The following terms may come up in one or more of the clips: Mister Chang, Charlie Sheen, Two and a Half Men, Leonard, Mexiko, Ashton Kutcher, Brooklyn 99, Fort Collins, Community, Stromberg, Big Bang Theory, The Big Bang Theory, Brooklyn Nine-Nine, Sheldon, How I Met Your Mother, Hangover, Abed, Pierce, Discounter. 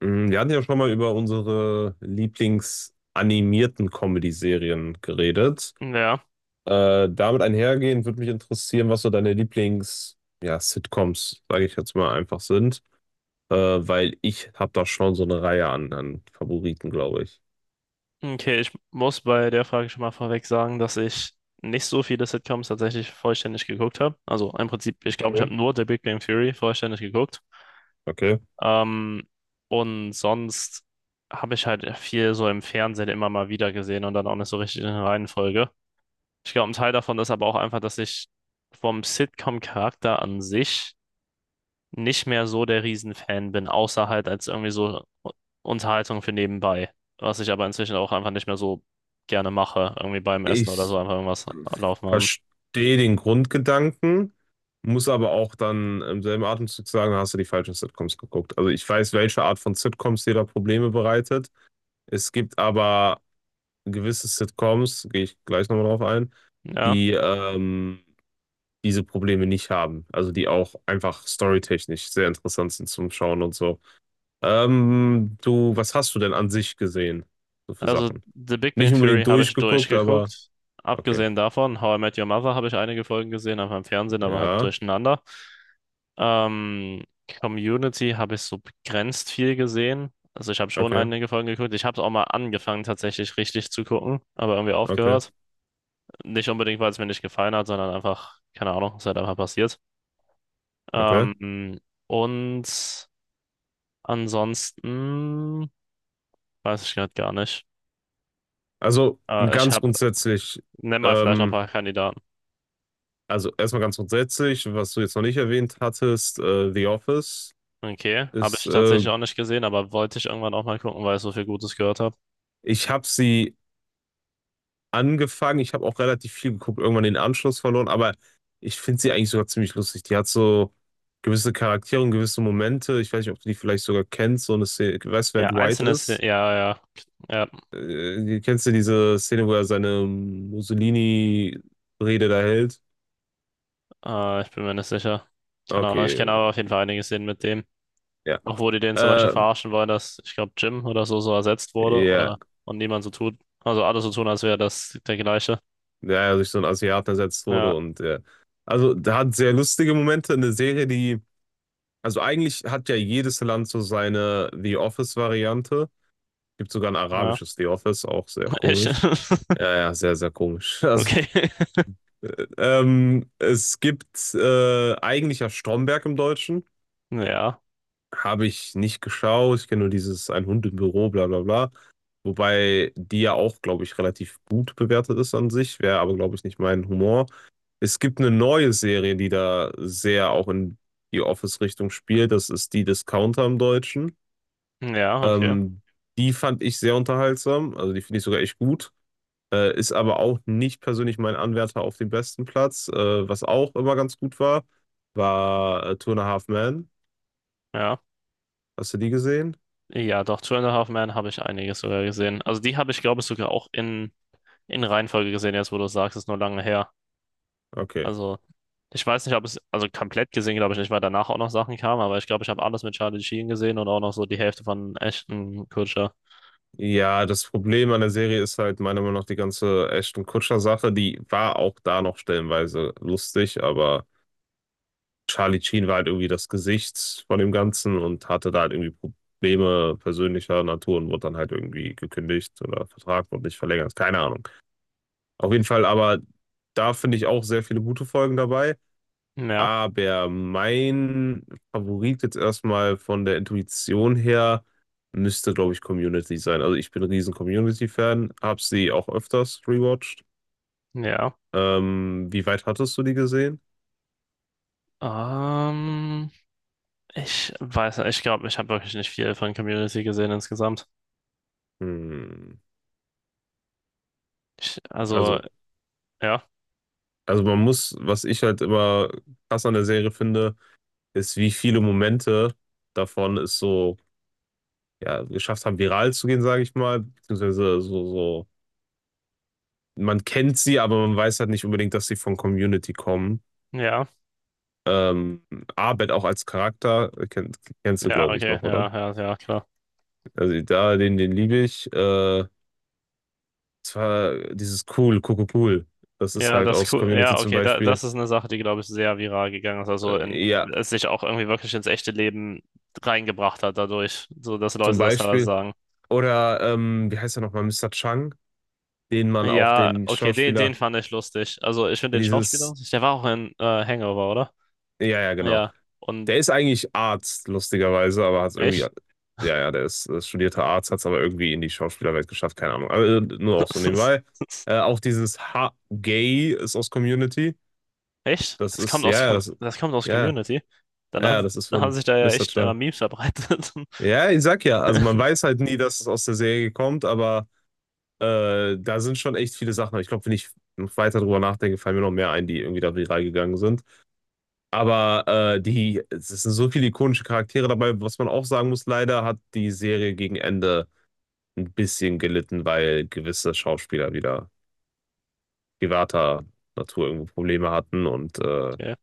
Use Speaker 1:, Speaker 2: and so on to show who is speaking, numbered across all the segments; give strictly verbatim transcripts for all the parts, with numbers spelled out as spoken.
Speaker 1: Mm, Wir hatten ja schon mal über unsere Lieblingsanimierten Comedy-Serien geredet.
Speaker 2: Ja,
Speaker 1: Äh, damit einhergehend würde mich interessieren, was so deine Lieblings, ja, Sitcoms, sage ich jetzt mal, einfach sind. Äh, weil ich habe da schon so eine Reihe an, an Favoriten, glaube ich.
Speaker 2: okay, ich muss bei der Frage schon mal vorweg sagen, dass ich nicht so viele Sitcoms tatsächlich vollständig geguckt habe. Also im Prinzip, ich glaube, ich habe
Speaker 1: Okay.
Speaker 2: nur The Big Bang Theory vollständig geguckt.
Speaker 1: Okay.
Speaker 2: Ähm, und sonst habe ich halt viel so im Fernsehen immer mal wieder gesehen und dann auch nicht so richtig in der Reihenfolge. Ich glaube, ein Teil davon ist aber auch einfach, dass ich vom Sitcom-Charakter an sich nicht mehr so der Riesenfan bin, außer halt als irgendwie so Unterhaltung für nebenbei, was ich aber inzwischen auch einfach nicht mehr so gerne mache, irgendwie beim Essen oder so
Speaker 1: Ich
Speaker 2: einfach irgendwas laufen haben.
Speaker 1: verstehe den Grundgedanken, muss aber auch dann im selben Atemzug sagen, da hast du die falschen Sitcoms geguckt. Also ich weiß, welche Art von Sitcoms dir da Probleme bereitet. Es gibt aber gewisse Sitcoms, gehe ich gleich nochmal drauf ein,
Speaker 2: Ja,
Speaker 1: die ähm, diese Probleme nicht haben. Also die auch einfach storytechnisch sehr interessant sind zum Schauen und so. Ähm, du, was hast du denn an sich gesehen? So für
Speaker 2: also
Speaker 1: Sachen.
Speaker 2: The Big Bang
Speaker 1: Nicht
Speaker 2: Theory
Speaker 1: unbedingt
Speaker 2: habe ich
Speaker 1: durchgeguckt, aber
Speaker 2: durchgeguckt.
Speaker 1: okay.
Speaker 2: Abgesehen davon, How I Met Your Mother habe ich einige Folgen gesehen, einfach im Fernsehen, aber halt
Speaker 1: Ja,
Speaker 2: durcheinander. Ähm, Community habe ich so begrenzt viel gesehen. Also ich habe schon
Speaker 1: okay,
Speaker 2: einige Folgen geguckt. Ich habe es auch mal angefangen, tatsächlich richtig zu gucken, aber irgendwie
Speaker 1: okay,
Speaker 2: aufgehört. Nicht unbedingt, weil es mir nicht gefallen hat, sondern einfach, keine Ahnung, es ist halt einfach passiert.
Speaker 1: okay.
Speaker 2: Ähm, und ansonsten weiß ich gerade gar nicht.
Speaker 1: Also
Speaker 2: Äh, ich
Speaker 1: ganz
Speaker 2: habe,
Speaker 1: grundsätzlich,
Speaker 2: nenn mal vielleicht noch ein
Speaker 1: ähm,
Speaker 2: paar Kandidaten.
Speaker 1: also erstmal ganz grundsätzlich, was du jetzt noch nicht erwähnt hattest, äh, The Office
Speaker 2: Okay, habe
Speaker 1: ist,
Speaker 2: ich
Speaker 1: äh,
Speaker 2: tatsächlich auch nicht gesehen, aber wollte ich irgendwann auch mal gucken, weil ich so viel Gutes gehört habe.
Speaker 1: ich habe sie angefangen. Ich habe auch relativ viel geguckt, irgendwann den Anschluss verloren, aber ich finde sie eigentlich sogar ziemlich lustig. Die hat so gewisse Charaktere und gewisse Momente. Ich weiß nicht, ob du die vielleicht sogar kennst. So eine Szene, ich weiß, wer
Speaker 2: Ja,
Speaker 1: Dwight
Speaker 2: einzelne Szenen,
Speaker 1: ist.
Speaker 2: ja, ja,
Speaker 1: Äh, kennst du diese Szene, wo er seine Mussolini-Rede da hält?
Speaker 2: ja, äh, ich bin mir nicht sicher. Keine Ahnung, ich
Speaker 1: Okay,
Speaker 2: kenne aber auf jeden Fall einige Szenen mit dem.
Speaker 1: ja.
Speaker 2: Auch wo die den zum Beispiel
Speaker 1: Äh,
Speaker 2: verarschen wollen, dass ich glaube Jim oder so so ersetzt wurde
Speaker 1: ja,
Speaker 2: oder und niemand so tut, also alle so tun, als wäre das der gleiche.
Speaker 1: der ja durch so einen Asiaten ersetzt
Speaker 2: Ja,
Speaker 1: wurde und ja. Also, da hat sehr lustige Momente. Eine Serie, die, also eigentlich hat ja jedes Land so seine The Office-Variante. Gibt sogar ein
Speaker 2: ja,
Speaker 1: arabisches The Office, auch sehr
Speaker 2: echt.
Speaker 1: komisch. Ja, ja, sehr, sehr komisch. Also,
Speaker 2: Okay.
Speaker 1: äh, ähm, es gibt äh, eigentlich ja Stromberg im Deutschen.
Speaker 2: Ja,
Speaker 1: Habe ich nicht geschaut. Ich kenne nur dieses Ein Hund im Büro, bla bla bla. Wobei die ja auch, glaube ich, relativ gut bewertet ist an sich. Wäre aber, glaube ich, nicht mein Humor. Es gibt eine neue Serie, die da sehr auch in die Office-Richtung spielt. Das ist die Discounter im Deutschen.
Speaker 2: ja, okay.
Speaker 1: Ähm, Die fand ich sehr unterhaltsam. Also die finde ich sogar echt gut. Äh, ist aber auch nicht persönlich mein Anwärter auf den besten Platz. Äh, was auch immer ganz gut war, war äh, Two and a Half Men.
Speaker 2: Ja.
Speaker 1: Hast du die gesehen?
Speaker 2: Ja, doch, Two and a Half Men habe ich einiges sogar gesehen. Also die habe ich, glaube ich, sogar auch in, in Reihenfolge gesehen, jetzt wo du sagst, ist nur lange her.
Speaker 1: Okay.
Speaker 2: Also ich weiß nicht, ob es, also komplett gesehen, glaube ich nicht, weil danach auch noch Sachen kamen, aber ich glaube, ich habe alles mit Charlie Sheen gesehen und auch noch so die Hälfte von Ashton Kutcher.
Speaker 1: Ja, das Problem an der Serie ist halt meiner Meinung nach die ganze Ashton Kutscher-Sache. Die war auch da noch stellenweise lustig, aber Charlie Sheen war halt irgendwie das Gesicht von dem Ganzen und hatte da halt irgendwie Probleme persönlicher Natur und wurde dann halt irgendwie gekündigt oder Vertrag wurde nicht verlängert. Keine Ahnung. Auf jeden Fall aber da finde ich auch sehr viele gute Folgen dabei.
Speaker 2: Ja,
Speaker 1: Aber mein Favorit jetzt erstmal von der Intuition her müsste, glaube ich, Community sein. Also ich bin ein riesen Community-Fan, habe sie auch öfters rewatcht.
Speaker 2: ja.
Speaker 1: Ähm, wie weit hattest du die gesehen?
Speaker 2: Ähm, ich weiß nicht, ich glaube, ich habe wirklich nicht viel von Community gesehen insgesamt.
Speaker 1: Hm.
Speaker 2: Ich, also,
Speaker 1: Also,
Speaker 2: ja,
Speaker 1: also man muss, was ich halt immer krass an der Serie finde, ist, wie viele Momente davon es so, ja, geschafft haben, viral zu gehen, sage ich mal, beziehungsweise so, so, man kennt sie, aber man weiß halt nicht unbedingt, dass sie von Community kommen.
Speaker 2: ja,
Speaker 1: Ähm, Abed auch als Charakter, äh, kenn, kennst du,
Speaker 2: ja,
Speaker 1: glaube ich,
Speaker 2: okay,
Speaker 1: noch, oder?
Speaker 2: ja, ja, ja, klar.
Speaker 1: Also da, den, den liebe ich. Äh, zwar dieses cool, cool, cool, cool. Das ist
Speaker 2: Ja,
Speaker 1: halt
Speaker 2: das ist
Speaker 1: aus
Speaker 2: cool.
Speaker 1: Community
Speaker 2: Ja,
Speaker 1: zum
Speaker 2: okay, da,
Speaker 1: Beispiel.
Speaker 2: das ist eine Sache, die, glaube ich, sehr viral gegangen ist. Also, in,
Speaker 1: Äh, ja,
Speaker 2: es sich auch irgendwie wirklich ins echte Leben reingebracht hat dadurch, so dass
Speaker 1: zum
Speaker 2: Leute das teilweise
Speaker 1: Beispiel.
Speaker 2: sagen.
Speaker 1: Oder, ähm, wie heißt er nochmal, Mister Chang, den man auch
Speaker 2: Ja,
Speaker 1: den
Speaker 2: okay, den, den
Speaker 1: Schauspieler,
Speaker 2: fand ich lustig. Also, ich finde den Schauspieler,
Speaker 1: dieses,
Speaker 2: der war auch in äh, Hangover, oder?
Speaker 1: ja, ja, genau.
Speaker 2: Ja, und
Speaker 1: Der ist eigentlich Arzt, lustigerweise, aber hat es irgendwie, ja,
Speaker 2: echt?
Speaker 1: ja, der ist, äh, studierter Arzt, hat es aber irgendwie in die Schauspielerwelt geschafft, keine Ahnung. Also, nur auch so nebenbei. Äh, auch dieses ha Gay ist aus Community.
Speaker 2: Echt?
Speaker 1: Das
Speaker 2: Das
Speaker 1: ist,
Speaker 2: kommt
Speaker 1: ja,
Speaker 2: aus,
Speaker 1: ja,
Speaker 2: Com-
Speaker 1: das,
Speaker 2: das kommt aus
Speaker 1: ja,
Speaker 2: Community. Dann hat,
Speaker 1: ja, Das ist
Speaker 2: haben
Speaker 1: von
Speaker 2: sich da ja
Speaker 1: Mister
Speaker 2: echt einmal
Speaker 1: Child.
Speaker 2: Memes verbreitet.
Speaker 1: Ja, ich sag ja, also man weiß halt nie, dass es aus der Serie kommt, aber äh, da sind schon echt viele Sachen. Ich glaube, wenn ich noch weiter drüber nachdenke, fallen mir noch mehr ein, die irgendwie da viral gegangen sind. Aber äh, die, es sind so viele ikonische Charaktere dabei. Was man auch sagen muss, leider hat die Serie gegen Ende ein bisschen gelitten, weil gewisse Schauspieler wieder privater Natur irgendwo Probleme hatten. Und äh,
Speaker 2: Okay.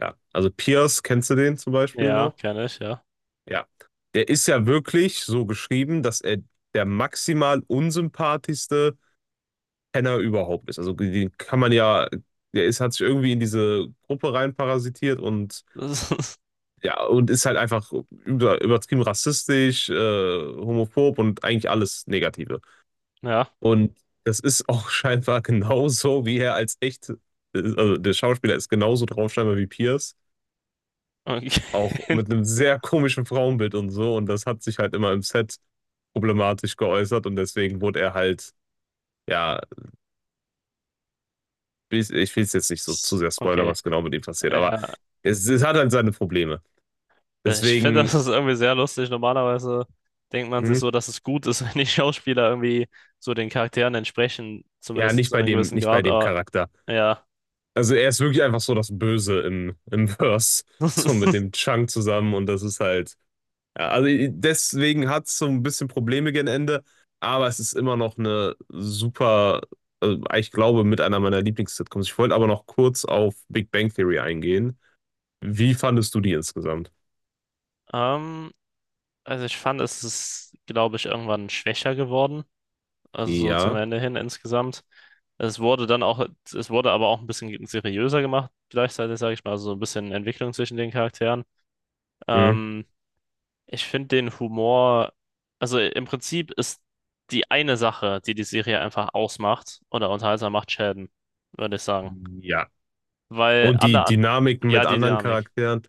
Speaker 1: ja, also Pierce, kennst du den zum Beispiel
Speaker 2: Ja,
Speaker 1: noch?
Speaker 2: kenne ich, ja.
Speaker 1: Ja. Der ist ja wirklich so geschrieben, dass er der maximal unsympathischste Penner überhaupt ist. Also den kann man ja, der ist, hat sich irgendwie in diese Gruppe reinparasitiert und
Speaker 2: Das ist,
Speaker 1: ja, und ist halt einfach über, übertrieben rassistisch, äh, homophob und eigentlich alles Negative.
Speaker 2: ja,
Speaker 1: Und das ist auch scheinbar genauso, wie er als echt, äh, also der Schauspieler ist genauso drauf scheinbar wie Pierce, auch
Speaker 2: okay.
Speaker 1: mit einem sehr komischen Frauenbild und so. Und das hat sich halt immer im Set problematisch geäußert und deswegen wurde er halt, ja, ich, ich will es jetzt nicht so zu sehr spoilern,
Speaker 2: Okay.
Speaker 1: was genau mit ihm passiert, aber
Speaker 2: Ja.
Speaker 1: es, es hat halt seine Probleme.
Speaker 2: Ich finde, das
Speaker 1: Deswegen,
Speaker 2: ist irgendwie sehr lustig. Normalerweise denkt man sich
Speaker 1: hm,
Speaker 2: so, dass es gut ist, wenn die Schauspieler irgendwie so den Charakteren entsprechen,
Speaker 1: ja,
Speaker 2: zumindest
Speaker 1: nicht
Speaker 2: zu
Speaker 1: bei
Speaker 2: einem
Speaker 1: dem,
Speaker 2: gewissen
Speaker 1: nicht bei
Speaker 2: Grad.
Speaker 1: dem
Speaker 2: Aber
Speaker 1: Charakter.
Speaker 2: ja.
Speaker 1: Also er ist wirklich einfach so das Böse im, im Verse, so mit dem Chunk zusammen und das ist halt, ja, also deswegen hat es so ein bisschen Probleme gegen Ende, aber es ist immer noch eine super, also ich glaube, mit einer meiner Lieblings-Sitcoms. Ich wollte aber noch kurz auf Big Bang Theory eingehen. Wie fandest du die insgesamt?
Speaker 2: Ähm, also ich fand, es ist, glaube ich, irgendwann schwächer geworden. Also so zum
Speaker 1: Ja.
Speaker 2: Ende hin insgesamt. Es wurde dann auch, es wurde aber auch ein bisschen seriöser gemacht, gleichzeitig, sage ich mal, also so ein bisschen Entwicklung zwischen den Charakteren.
Speaker 1: Hm.
Speaker 2: Ähm, ich finde den Humor, also im Prinzip ist die eine Sache, die die Serie einfach ausmacht oder unterhaltsam macht, Sheldon, würde ich sagen.
Speaker 1: Ja.
Speaker 2: Weil
Speaker 1: Und die
Speaker 2: alle an,
Speaker 1: Dynamiken
Speaker 2: ja,
Speaker 1: mit
Speaker 2: die
Speaker 1: anderen
Speaker 2: Dynamik.
Speaker 1: Charakteren?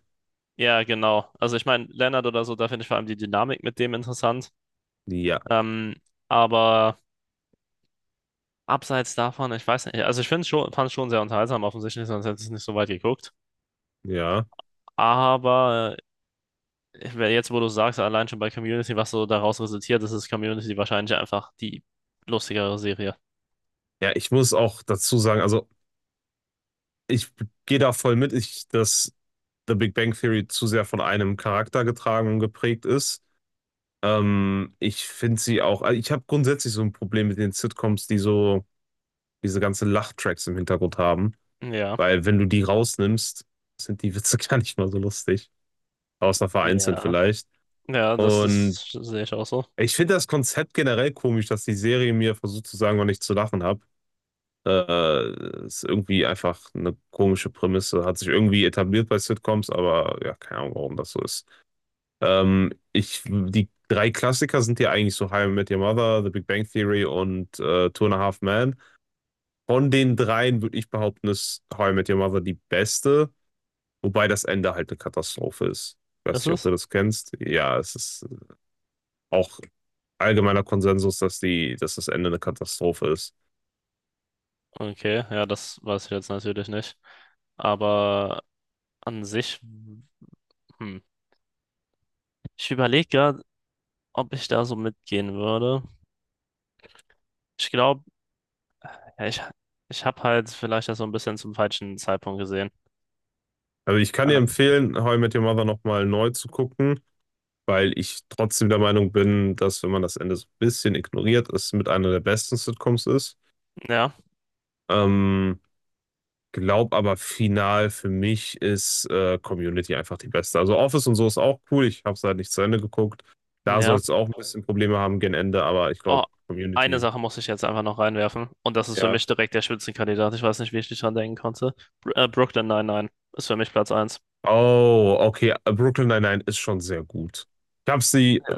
Speaker 2: Ja, genau. Also ich meine, Leonard oder so, da finde ich vor allem die Dynamik mit dem interessant.
Speaker 1: Ja.
Speaker 2: Ähm, aber. Abseits davon, ich weiß nicht, also ich finde schon, fand es schon sehr unterhaltsam, offensichtlich, sonst hätte ich es nicht so weit geguckt.
Speaker 1: Ja.
Speaker 2: Aber äh, wer- jetzt, wo du sagst, allein schon bei Community, was so daraus resultiert ist, ist Community wahrscheinlich einfach die lustigere Serie.
Speaker 1: Ja, ich muss auch dazu sagen, also ich gehe da voll mit. Ich, das The Big Bang Theory zu sehr von einem Charakter getragen und geprägt ist. Ähm, ich finde sie auch, also ich habe grundsätzlich so ein Problem mit den Sitcoms, die so diese ganzen Lachtracks im Hintergrund haben,
Speaker 2: Ja,
Speaker 1: weil wenn du die rausnimmst, sind die Witze gar nicht mal so lustig, außer vereinzelt
Speaker 2: ja,
Speaker 1: vielleicht.
Speaker 2: ja, das
Speaker 1: Und
Speaker 2: ist, sehe ich auch so.
Speaker 1: ich finde das Konzept generell komisch, dass die Serie mir versucht zu sagen, wann ich zu lachen habe. Äh, ist irgendwie einfach eine komische Prämisse. Hat sich irgendwie etabliert bei Sitcoms, aber ja, keine Ahnung, warum das so ist. Ähm, ich, die drei Klassiker sind ja eigentlich so How I Met Your Mother, The Big Bang Theory und äh, Two and a Half Men. Von den dreien würde ich behaupten, ist How I Met Your Mother die beste, wobei das Ende halt eine Katastrophe ist. Ich
Speaker 2: Ist
Speaker 1: weiß nicht, ob du
Speaker 2: es?
Speaker 1: das kennst. Ja, es ist auch allgemeiner Konsensus, dass die, dass das Ende eine Katastrophe ist.
Speaker 2: Okay, ja, das weiß ich jetzt natürlich nicht. Aber an sich, hm. Ich überlege gerade, ob ich da so mitgehen würde. Ich glaube, ich, ich habe halt vielleicht das so ein bisschen zum falschen Zeitpunkt gesehen.
Speaker 1: Also ich kann dir
Speaker 2: Ah,
Speaker 1: empfehlen, How I Met Your Mother nochmal neu zu gucken, weil ich trotzdem der Meinung bin, dass wenn man das Ende so ein bisschen ignoriert, es mit einer der besten Sitcoms ist.
Speaker 2: ja,
Speaker 1: Ähm, Glaub aber final für mich ist äh, Community einfach die beste. Also Office und so ist auch cool. Ich habe es halt nicht zu Ende geguckt. Da soll
Speaker 2: ja.
Speaker 1: es auch ein bisschen Probleme haben gegen Ende, aber ich
Speaker 2: Oh,
Speaker 1: glaube
Speaker 2: eine
Speaker 1: Community,
Speaker 2: Sache muss ich jetzt einfach noch reinwerfen. Und das ist für
Speaker 1: ja.
Speaker 2: mich direkt der Spitzenkandidat. Ich weiß nicht, wie ich nicht dran denken konnte. Br äh, Brooklyn neunundneunzig ist für mich Platz eins.
Speaker 1: Oh, okay. Brooklyn Nine-Nine ist schon sehr gut. Ich habe sie äh,
Speaker 2: Ja,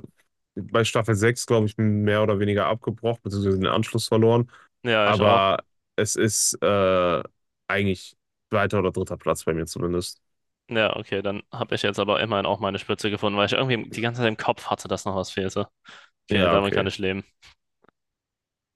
Speaker 1: bei Staffel sechs glaube ich, mehr oder weniger abgebrochen, beziehungsweise den Anschluss verloren.
Speaker 2: ja, ich auch.
Speaker 1: Aber es ist äh, eigentlich zweiter oder dritter Platz bei mir zumindest.
Speaker 2: Ja, okay, dann habe ich jetzt aber immerhin auch meine Spitze gefunden, weil ich irgendwie die ganze Zeit im Kopf hatte, dass noch was fehlte. Okay,
Speaker 1: Ja,
Speaker 2: damit kann
Speaker 1: okay.
Speaker 2: ich leben.